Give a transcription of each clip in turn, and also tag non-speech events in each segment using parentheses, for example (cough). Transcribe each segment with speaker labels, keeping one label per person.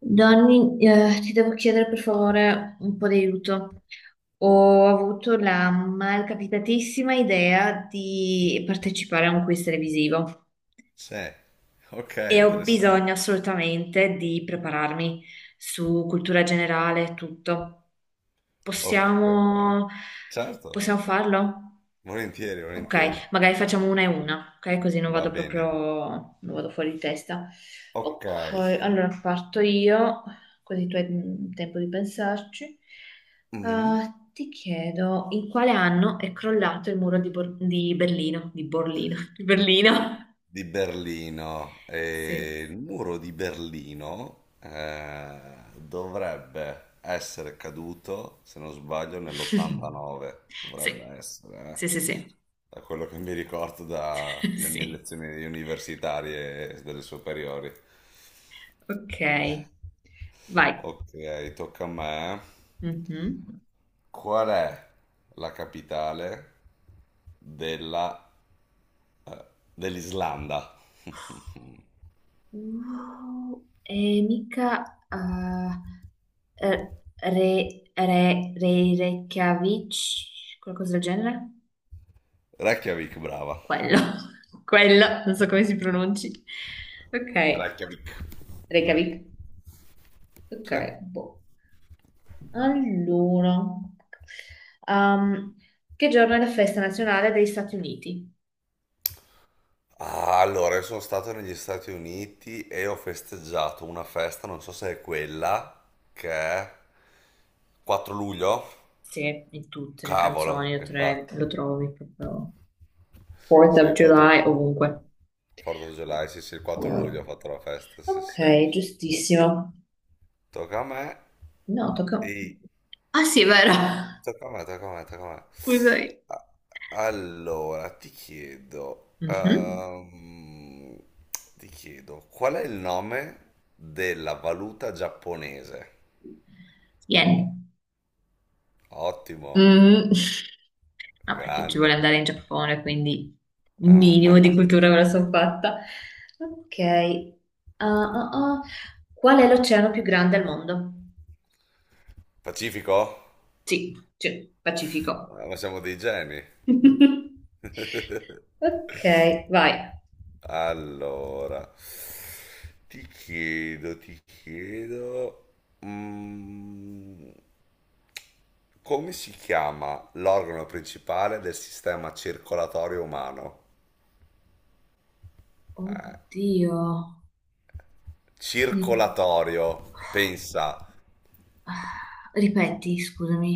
Speaker 1: Donny, ti devo chiedere per favore un po' di aiuto. Ho avuto la malcapitatissima idea di partecipare a un quiz televisivo
Speaker 2: Sì, ok,
Speaker 1: e ho
Speaker 2: interessante.
Speaker 1: bisogno assolutamente di prepararmi su cultura generale e tutto.
Speaker 2: Ok,
Speaker 1: Possiamo,
Speaker 2: certo,
Speaker 1: possiamo farlo?
Speaker 2: volentieri,
Speaker 1: Ok,
Speaker 2: volentieri,
Speaker 1: magari facciamo una e una, ok? Così non
Speaker 2: va
Speaker 1: vado
Speaker 2: bene.
Speaker 1: proprio, non vado fuori di testa.
Speaker 2: Ok,
Speaker 1: Ok, allora parto io, così tu hai tempo di pensarci.
Speaker 2: mhm.
Speaker 1: Ah, ti chiedo in quale anno è crollato il muro di Berlino? Di Borlino? (laughs) Di Berlino?
Speaker 2: Di Berlino.
Speaker 1: Sì.
Speaker 2: Il muro di Berlino dovrebbe essere caduto, se non sbaglio,
Speaker 1: (laughs)
Speaker 2: nell'89.
Speaker 1: Sì,
Speaker 2: Dovrebbe essere, eh.
Speaker 1: sì, sì, sì.
Speaker 2: Da quello che mi ricordo
Speaker 1: (laughs)
Speaker 2: dalle mie
Speaker 1: Sì.
Speaker 2: lezioni universitarie e delle superiori.
Speaker 1: Ok, vai.
Speaker 2: Ok, tocca a me.
Speaker 1: Mhm.
Speaker 2: Qual è la capitale della eh, dell'Islanda? (laughs)
Speaker 1: E mica, eh, Re, Re, Re- Reykjavik, qualcosa del genere?
Speaker 2: Reykjavik, brava.
Speaker 1: Quello, (laughs) quello, non so come si pronunci. Ok,
Speaker 2: Reykjavik.
Speaker 1: Reykjavik. Ok,
Speaker 2: Sì.
Speaker 1: boh. Allora, um, che giorno è la festa nazionale degli Stati Uniti?
Speaker 2: Ah, allora, io sono stato negli Stati Uniti e ho festeggiato una festa, non so se è quella, che è 4 luglio?
Speaker 1: Sì, in tutte le canzoni
Speaker 2: Cavolo,
Speaker 1: lo, tre-
Speaker 2: infatti.
Speaker 1: lo trovi proprio. 4th
Speaker 2: Sì,
Speaker 1: of
Speaker 2: il
Speaker 1: July, ovunque.
Speaker 2: 4 July, sì, sì, il 4
Speaker 1: Ok,
Speaker 2: luglio ho fatto la festa, sì, sì.
Speaker 1: giustissimo.
Speaker 2: Tocca a me.
Speaker 1: No, tocca.
Speaker 2: E
Speaker 1: Ah sì, è vero.
Speaker 2: Tocca a me, tocca a me, tocca a me.
Speaker 1: Scusami.
Speaker 2: A- Allora, ti chiedo,
Speaker 1: Mhm.
Speaker 2: ehm, ti chiedo, qual è il nome della valuta giapponese?
Speaker 1: Yen.
Speaker 2: Ottimo,
Speaker 1: Mm, no, perché ci vuole
Speaker 2: grande.
Speaker 1: andare in Giappone, quindi un minimo di
Speaker 2: Ah,
Speaker 1: cultura me la sono fatta. Ok. Ah, ah, ah. Qual è l'oceano più grande al mondo?
Speaker 2: (laughs) Pacifico?
Speaker 1: Sì, sì, Pacifico.
Speaker 2: Ah, ma siamo dei geni.
Speaker 1: (laughs)
Speaker 2: (laughs)
Speaker 1: Ok, vai.
Speaker 2: Allora, ti chiedo, mm, come si chiama l'organo principale del sistema circolatorio umano?
Speaker 1: Oddio. Quindi-
Speaker 2: Circolatorio, pensa,
Speaker 1: ah, ripeti, scusami.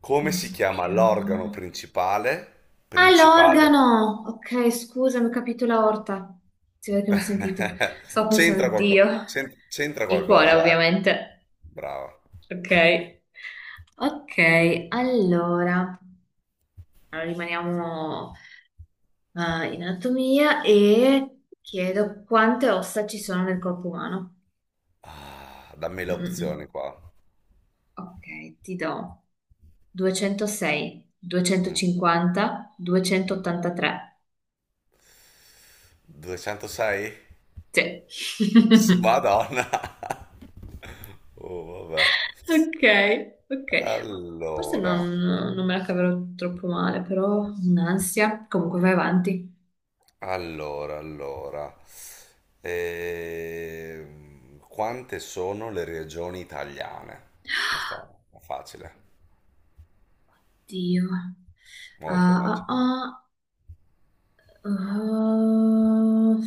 Speaker 2: come
Speaker 1: Come
Speaker 2: si
Speaker 1: si
Speaker 2: chiama l'organo
Speaker 1: chiama?
Speaker 2: principale?
Speaker 1: Ah,
Speaker 2: Principale.
Speaker 1: l'organo! Ok, scusami, ho capito la orta. Si vede che non ho sentito.
Speaker 2: (laughs)
Speaker 1: Stavo
Speaker 2: C'entra
Speaker 1: pensando, Dio. Il cuore,
Speaker 2: qualcosa, eh?
Speaker 1: ovviamente.
Speaker 2: Brava.
Speaker 1: Ok. Ok, allora. Allora, rimaniamo in anatomia e chiedo quante ossa ci sono nel corpo umano.
Speaker 2: Ah, dammi le
Speaker 1: Mm, mm,
Speaker 2: opzioni
Speaker 1: mm.
Speaker 2: qua.
Speaker 1: Ok, ti do 206,
Speaker 2: Mm,
Speaker 1: 250,
Speaker 2: mhm.
Speaker 1: 283.
Speaker 2: 206?
Speaker 1: Sì.
Speaker 2: Sì,
Speaker 1: (laughs)
Speaker 2: Madonna. (laughs) Oh, vabbè.
Speaker 1: Ok, ok. Forse non,
Speaker 2: Allora.
Speaker 1: non me la caverò troppo male, però un'ansia. Comunque vai avanti.
Speaker 2: Allora, quante sono le regioni italiane? Questa è facile,
Speaker 1: Dio.
Speaker 2: molto
Speaker 1: Ah, ah,
Speaker 2: facile.
Speaker 1: ah. Ah,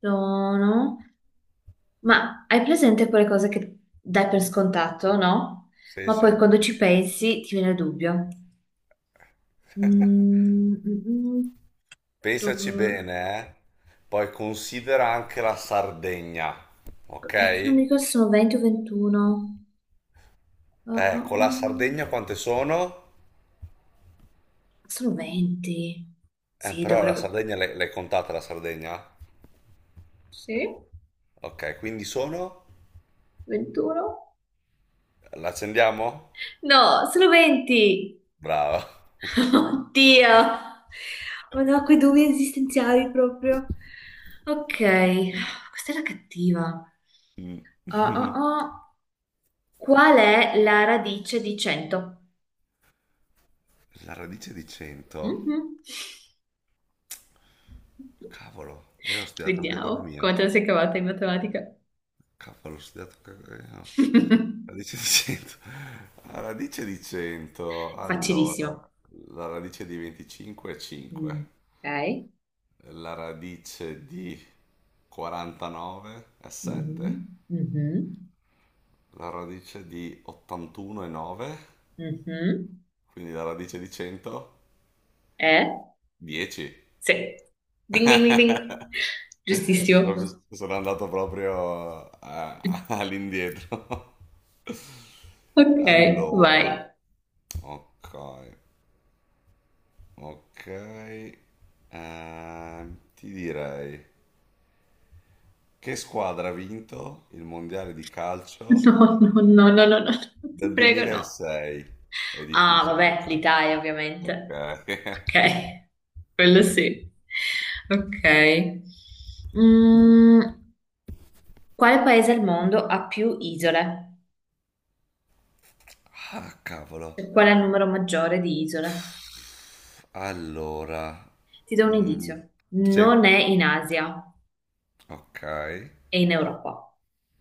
Speaker 1: sono. Ma hai presente quelle cose che dai per scontato, no?
Speaker 2: Sì,
Speaker 1: Ma
Speaker 2: sì.
Speaker 1: poi quando ci pensi ti viene il dubbio. Mm, mm, mm,
Speaker 2: Pensaci
Speaker 1: do-
Speaker 2: bene, eh? Poi considera anche la Sardegna,
Speaker 1: è che non mi
Speaker 2: ok?
Speaker 1: ricordo se sono 20 o 21. Ah, ah,
Speaker 2: Con la
Speaker 1: ah.
Speaker 2: Sardegna quante sono?
Speaker 1: Sono 20. Sì,
Speaker 2: Però la
Speaker 1: dovrebbe.
Speaker 2: Sardegna l'hai contata la Sardegna?
Speaker 1: Sì,
Speaker 2: Ok, quindi sono?
Speaker 1: 21?
Speaker 2: L'accendiamo?
Speaker 1: No, sono 20!
Speaker 2: Brava.
Speaker 1: (laughs) Oddio! Oh no, quei dubbi esistenziali proprio. Ok, questa era cattiva.
Speaker 2: Mm.
Speaker 1: Ah, ah,
Speaker 2: (laughs)
Speaker 1: ah. Qual è la radice di 100?
Speaker 2: La radice di 100?
Speaker 1: Mhm.
Speaker 2: Cavolo, io ho studiato anche
Speaker 1: Vediamo
Speaker 2: economia.
Speaker 1: come te la sei cavata in matematica.
Speaker 2: Cavolo, ho studiato anche. Eh, no.
Speaker 1: (laughs) È
Speaker 2: Radice di 100. (laughs) La radice di 100,
Speaker 1: facilissimo.
Speaker 2: allora, la radice di 25 è 5,
Speaker 1: Mm, ok.
Speaker 2: la radice di 49 è 7,
Speaker 1: Mhm, mhm,
Speaker 2: la radice di 81 è 9,
Speaker 1: mhm.
Speaker 2: quindi la radice di 100
Speaker 1: Eh?
Speaker 2: 10.
Speaker 1: Sì. Ding ding ding ding.
Speaker 2: (laughs)
Speaker 1: Giustissimo.
Speaker 2: Sono andato proprio all'indietro. (laughs)
Speaker 1: Ok, vai.
Speaker 2: Allora, ok, ok, ti direi che squadra ha vinto il mondiale di calcio
Speaker 1: No, no, no, no, no, no, ti
Speaker 2: del
Speaker 1: prego, no.
Speaker 2: 2006? È
Speaker 1: Ah,
Speaker 2: difficile
Speaker 1: vabbè,
Speaker 2: questa.
Speaker 1: l'Italia, ovviamente.
Speaker 2: Ok.
Speaker 1: Ok,
Speaker 2: (laughs)
Speaker 1: quello sì. Ok. Mm, quale paese al mondo ha più isole?
Speaker 2: Ah, cavolo.
Speaker 1: Cioè, qual è il numero maggiore di isole?
Speaker 2: Allora,
Speaker 1: Ti do un
Speaker 2: mm,
Speaker 1: indizio.
Speaker 2: sì,
Speaker 1: Non è in Asia,
Speaker 2: ok.
Speaker 1: è in Europa.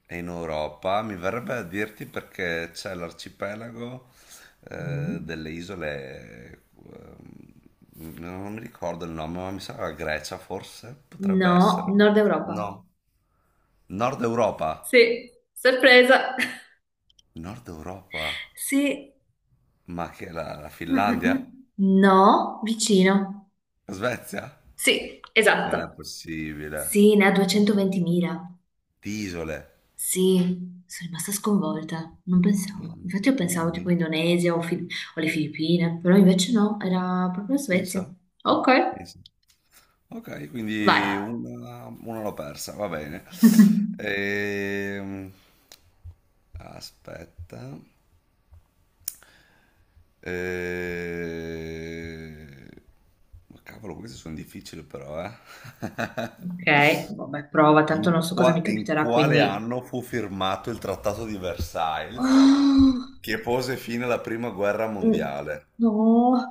Speaker 2: È in Europa, mi verrebbe a dirti perché c'è l'arcipelago
Speaker 1: Mm.
Speaker 2: delle isole, non mi ricordo il nome, ma mi sa la Grecia forse, potrebbe
Speaker 1: No,
Speaker 2: essere.
Speaker 1: Nord Europa.
Speaker 2: No, Nord Europa.
Speaker 1: Sì, sorpresa. (laughs)
Speaker 2: Nord Europa?
Speaker 1: Sì,
Speaker 2: Ma che è la
Speaker 1: mm, mm, mm.
Speaker 2: Finlandia?
Speaker 1: No, vicino.
Speaker 2: La Svezia?
Speaker 1: Sì,
Speaker 2: Non è
Speaker 1: esatto. Sì,
Speaker 2: possibile.
Speaker 1: ne ha 220.000.
Speaker 2: Di isole.
Speaker 1: Sì, sono rimasta sconvolta, non pensavo.
Speaker 2: Mamma,
Speaker 1: Infatti io
Speaker 2: mamma
Speaker 1: pensavo tipo
Speaker 2: mia,
Speaker 1: Indonesia o le Filippine, però invece no, era proprio la Svezia.
Speaker 2: pensa,
Speaker 1: Ok,
Speaker 2: pensa. Ok, quindi
Speaker 1: vai.
Speaker 2: una l'ho persa, va bene.
Speaker 1: (laughs)
Speaker 2: Ehm, Aspetta. Ehm, ma cavolo, queste sono difficili però, eh.
Speaker 1: Ok, vabbè, prova,
Speaker 2: (laughs)
Speaker 1: tanto
Speaker 2: In,
Speaker 1: non so cosa
Speaker 2: qua-
Speaker 1: mi
Speaker 2: in
Speaker 1: capiterà,
Speaker 2: quale
Speaker 1: quindi.
Speaker 2: anno fu firmato il Trattato di Versailles
Speaker 1: Oh,
Speaker 2: che pose fine alla Prima Guerra
Speaker 1: mm,
Speaker 2: Mondiale?
Speaker 1: no,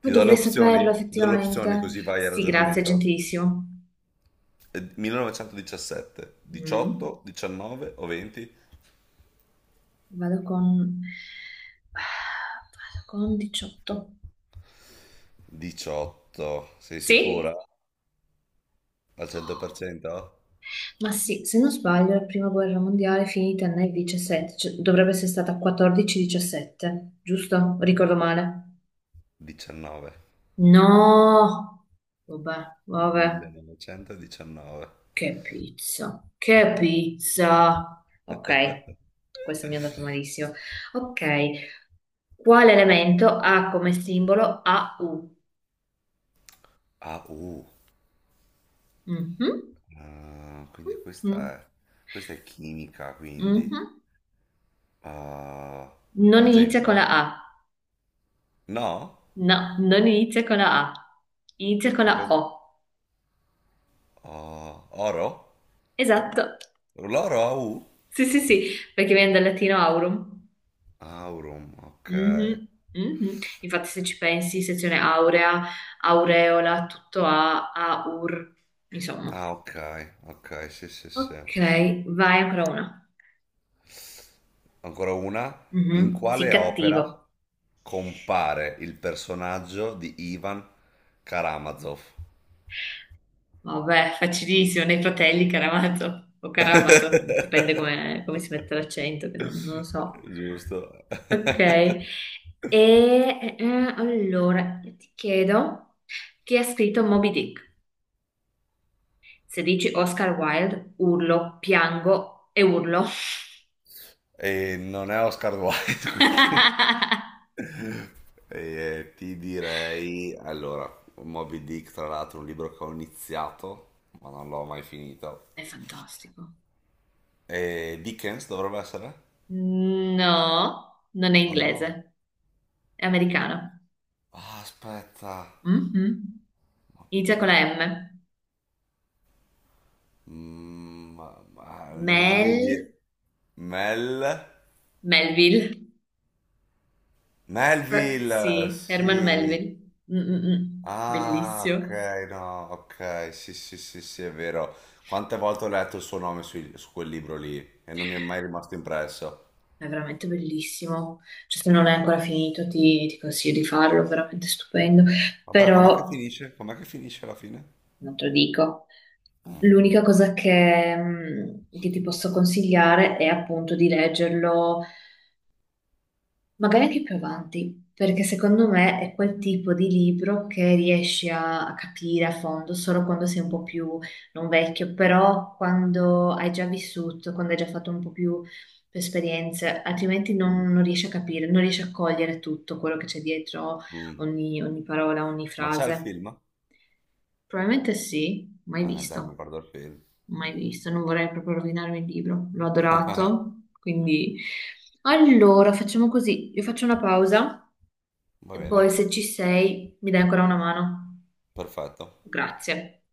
Speaker 1: poi
Speaker 2: Ti do le
Speaker 1: dovrei
Speaker 2: opzioni?
Speaker 1: saperlo
Speaker 2: Ti do le opzioni
Speaker 1: effettivamente.
Speaker 2: così vai al
Speaker 1: Sì, grazie,
Speaker 2: ragionamento?
Speaker 1: gentilissimo.
Speaker 2: 1917,
Speaker 1: Mm.
Speaker 2: 18, 19 o 20?
Speaker 1: Vado con... Vado con 18.
Speaker 2: 18, sei sicura?
Speaker 1: Sì?
Speaker 2: Al 100%?
Speaker 1: Ma sì, se non sbaglio, la prima guerra mondiale è finita nel 17, cioè, dovrebbe essere stata 14-17, giusto? Ricordo male.
Speaker 2: 19,
Speaker 1: No! Vabbè, vabbè.
Speaker 2: 1919.
Speaker 1: Che pizza, che pizza. Ok,
Speaker 2: (laughs)
Speaker 1: questo mi è andato malissimo. Ok, quale elemento ha come simbolo AU?
Speaker 2: Ah,
Speaker 1: Mhm,
Speaker 2: ah, quindi
Speaker 1: mhm,
Speaker 2: questa è chimica, quindi.
Speaker 1: mhm.
Speaker 2: Ah,
Speaker 1: Non inizia con
Speaker 2: argento?
Speaker 1: la A.
Speaker 2: No?
Speaker 1: No, non inizia con la A, inizia con
Speaker 2: Con
Speaker 1: la
Speaker 2: cos-
Speaker 1: O.
Speaker 2: ah, oro?
Speaker 1: Esatto.
Speaker 2: L'oro ha U?
Speaker 1: Sì, sì, sì, perché viene dal latino aurum.
Speaker 2: Aurum, ok.
Speaker 1: Mhm, mhm. Infatti, se ci pensi, sezione aurea, aureola, tutto A, aur, insomma.
Speaker 2: Ah, ok, ok, sì, sì, sì.
Speaker 1: Ok, vai ancora una.
Speaker 2: Ancora una. In
Speaker 1: Mhm, sì,
Speaker 2: quale opera
Speaker 1: cattivo.
Speaker 2: compare il personaggio di Ivan Karamazov?
Speaker 1: Vabbè, facilissimo, nei fratelli Caramazo o Caramazo, dipende
Speaker 2: (laughs)
Speaker 1: come si mette l'accento, che non lo so.
Speaker 2: Giusto.
Speaker 1: Ok, e allora io ti chiedo chi ha scritto Moby Dick? Se dici Oscar Wilde, urlo, piango e urlo.
Speaker 2: E non è Oscar Wilde, (laughs) quindi.
Speaker 1: (laughs)
Speaker 2: E ti direi, allora, Moby Dick, tra l'altro, un libro che ho iniziato, ma non l'ho mai finito.
Speaker 1: È fantastico.
Speaker 2: E Dickens dovrebbe essere?
Speaker 1: No, non è
Speaker 2: O no?
Speaker 1: inglese, è americano.
Speaker 2: Ah, aspetta.
Speaker 1: Mhm.
Speaker 2: Moby
Speaker 1: Inizia con la
Speaker 2: Dick.
Speaker 1: M.
Speaker 2: Ma non mi
Speaker 1: Mel,
Speaker 2: viene. Mel?
Speaker 1: Melville.
Speaker 2: Melville,
Speaker 1: Sì, Herman
Speaker 2: sì.
Speaker 1: Melville. Mm, mm, mm.
Speaker 2: Ah, ok,
Speaker 1: Bellissimo.
Speaker 2: no, ok, sì, sì, sì, sì, è vero. Quante volte ho letto il suo nome su, quel libro lì e non mi è mai rimasto impresso.
Speaker 1: È veramente bellissimo. Cioè, se non l'hai ancora finito, ti consiglio di farlo, è veramente stupendo.
Speaker 2: Vabbè, com'è che
Speaker 1: Però,
Speaker 2: finisce? Com'è che finisce alla fine?
Speaker 1: non te lo dico, l'unica cosa che ti posso consigliare è appunto di leggerlo, magari anche più avanti, perché secondo me è quel tipo di libro che riesci a capire a fondo solo quando sei un po' più, non vecchio, però quando hai già vissuto, quando hai già fatto un po' più esperienze, altrimenti
Speaker 2: Mm,
Speaker 1: non riesci a capire, non riesci a cogliere tutto quello che c'è dietro
Speaker 2: mm.
Speaker 1: ogni parola, ogni
Speaker 2: Ma c'è il
Speaker 1: frase.
Speaker 2: film?
Speaker 1: Probabilmente sì, mai
Speaker 2: Ah, dai, mi
Speaker 1: visto,
Speaker 2: guardo il film.
Speaker 1: mai visto, non vorrei proprio rovinarmi il libro, l'ho
Speaker 2: (laughs)
Speaker 1: adorato, quindi. Allora, facciamo così, io faccio una pausa.
Speaker 2: Va
Speaker 1: E poi
Speaker 2: bene,
Speaker 1: se ci sei, mi dai ancora una mano?
Speaker 2: perfetto.
Speaker 1: Grazie.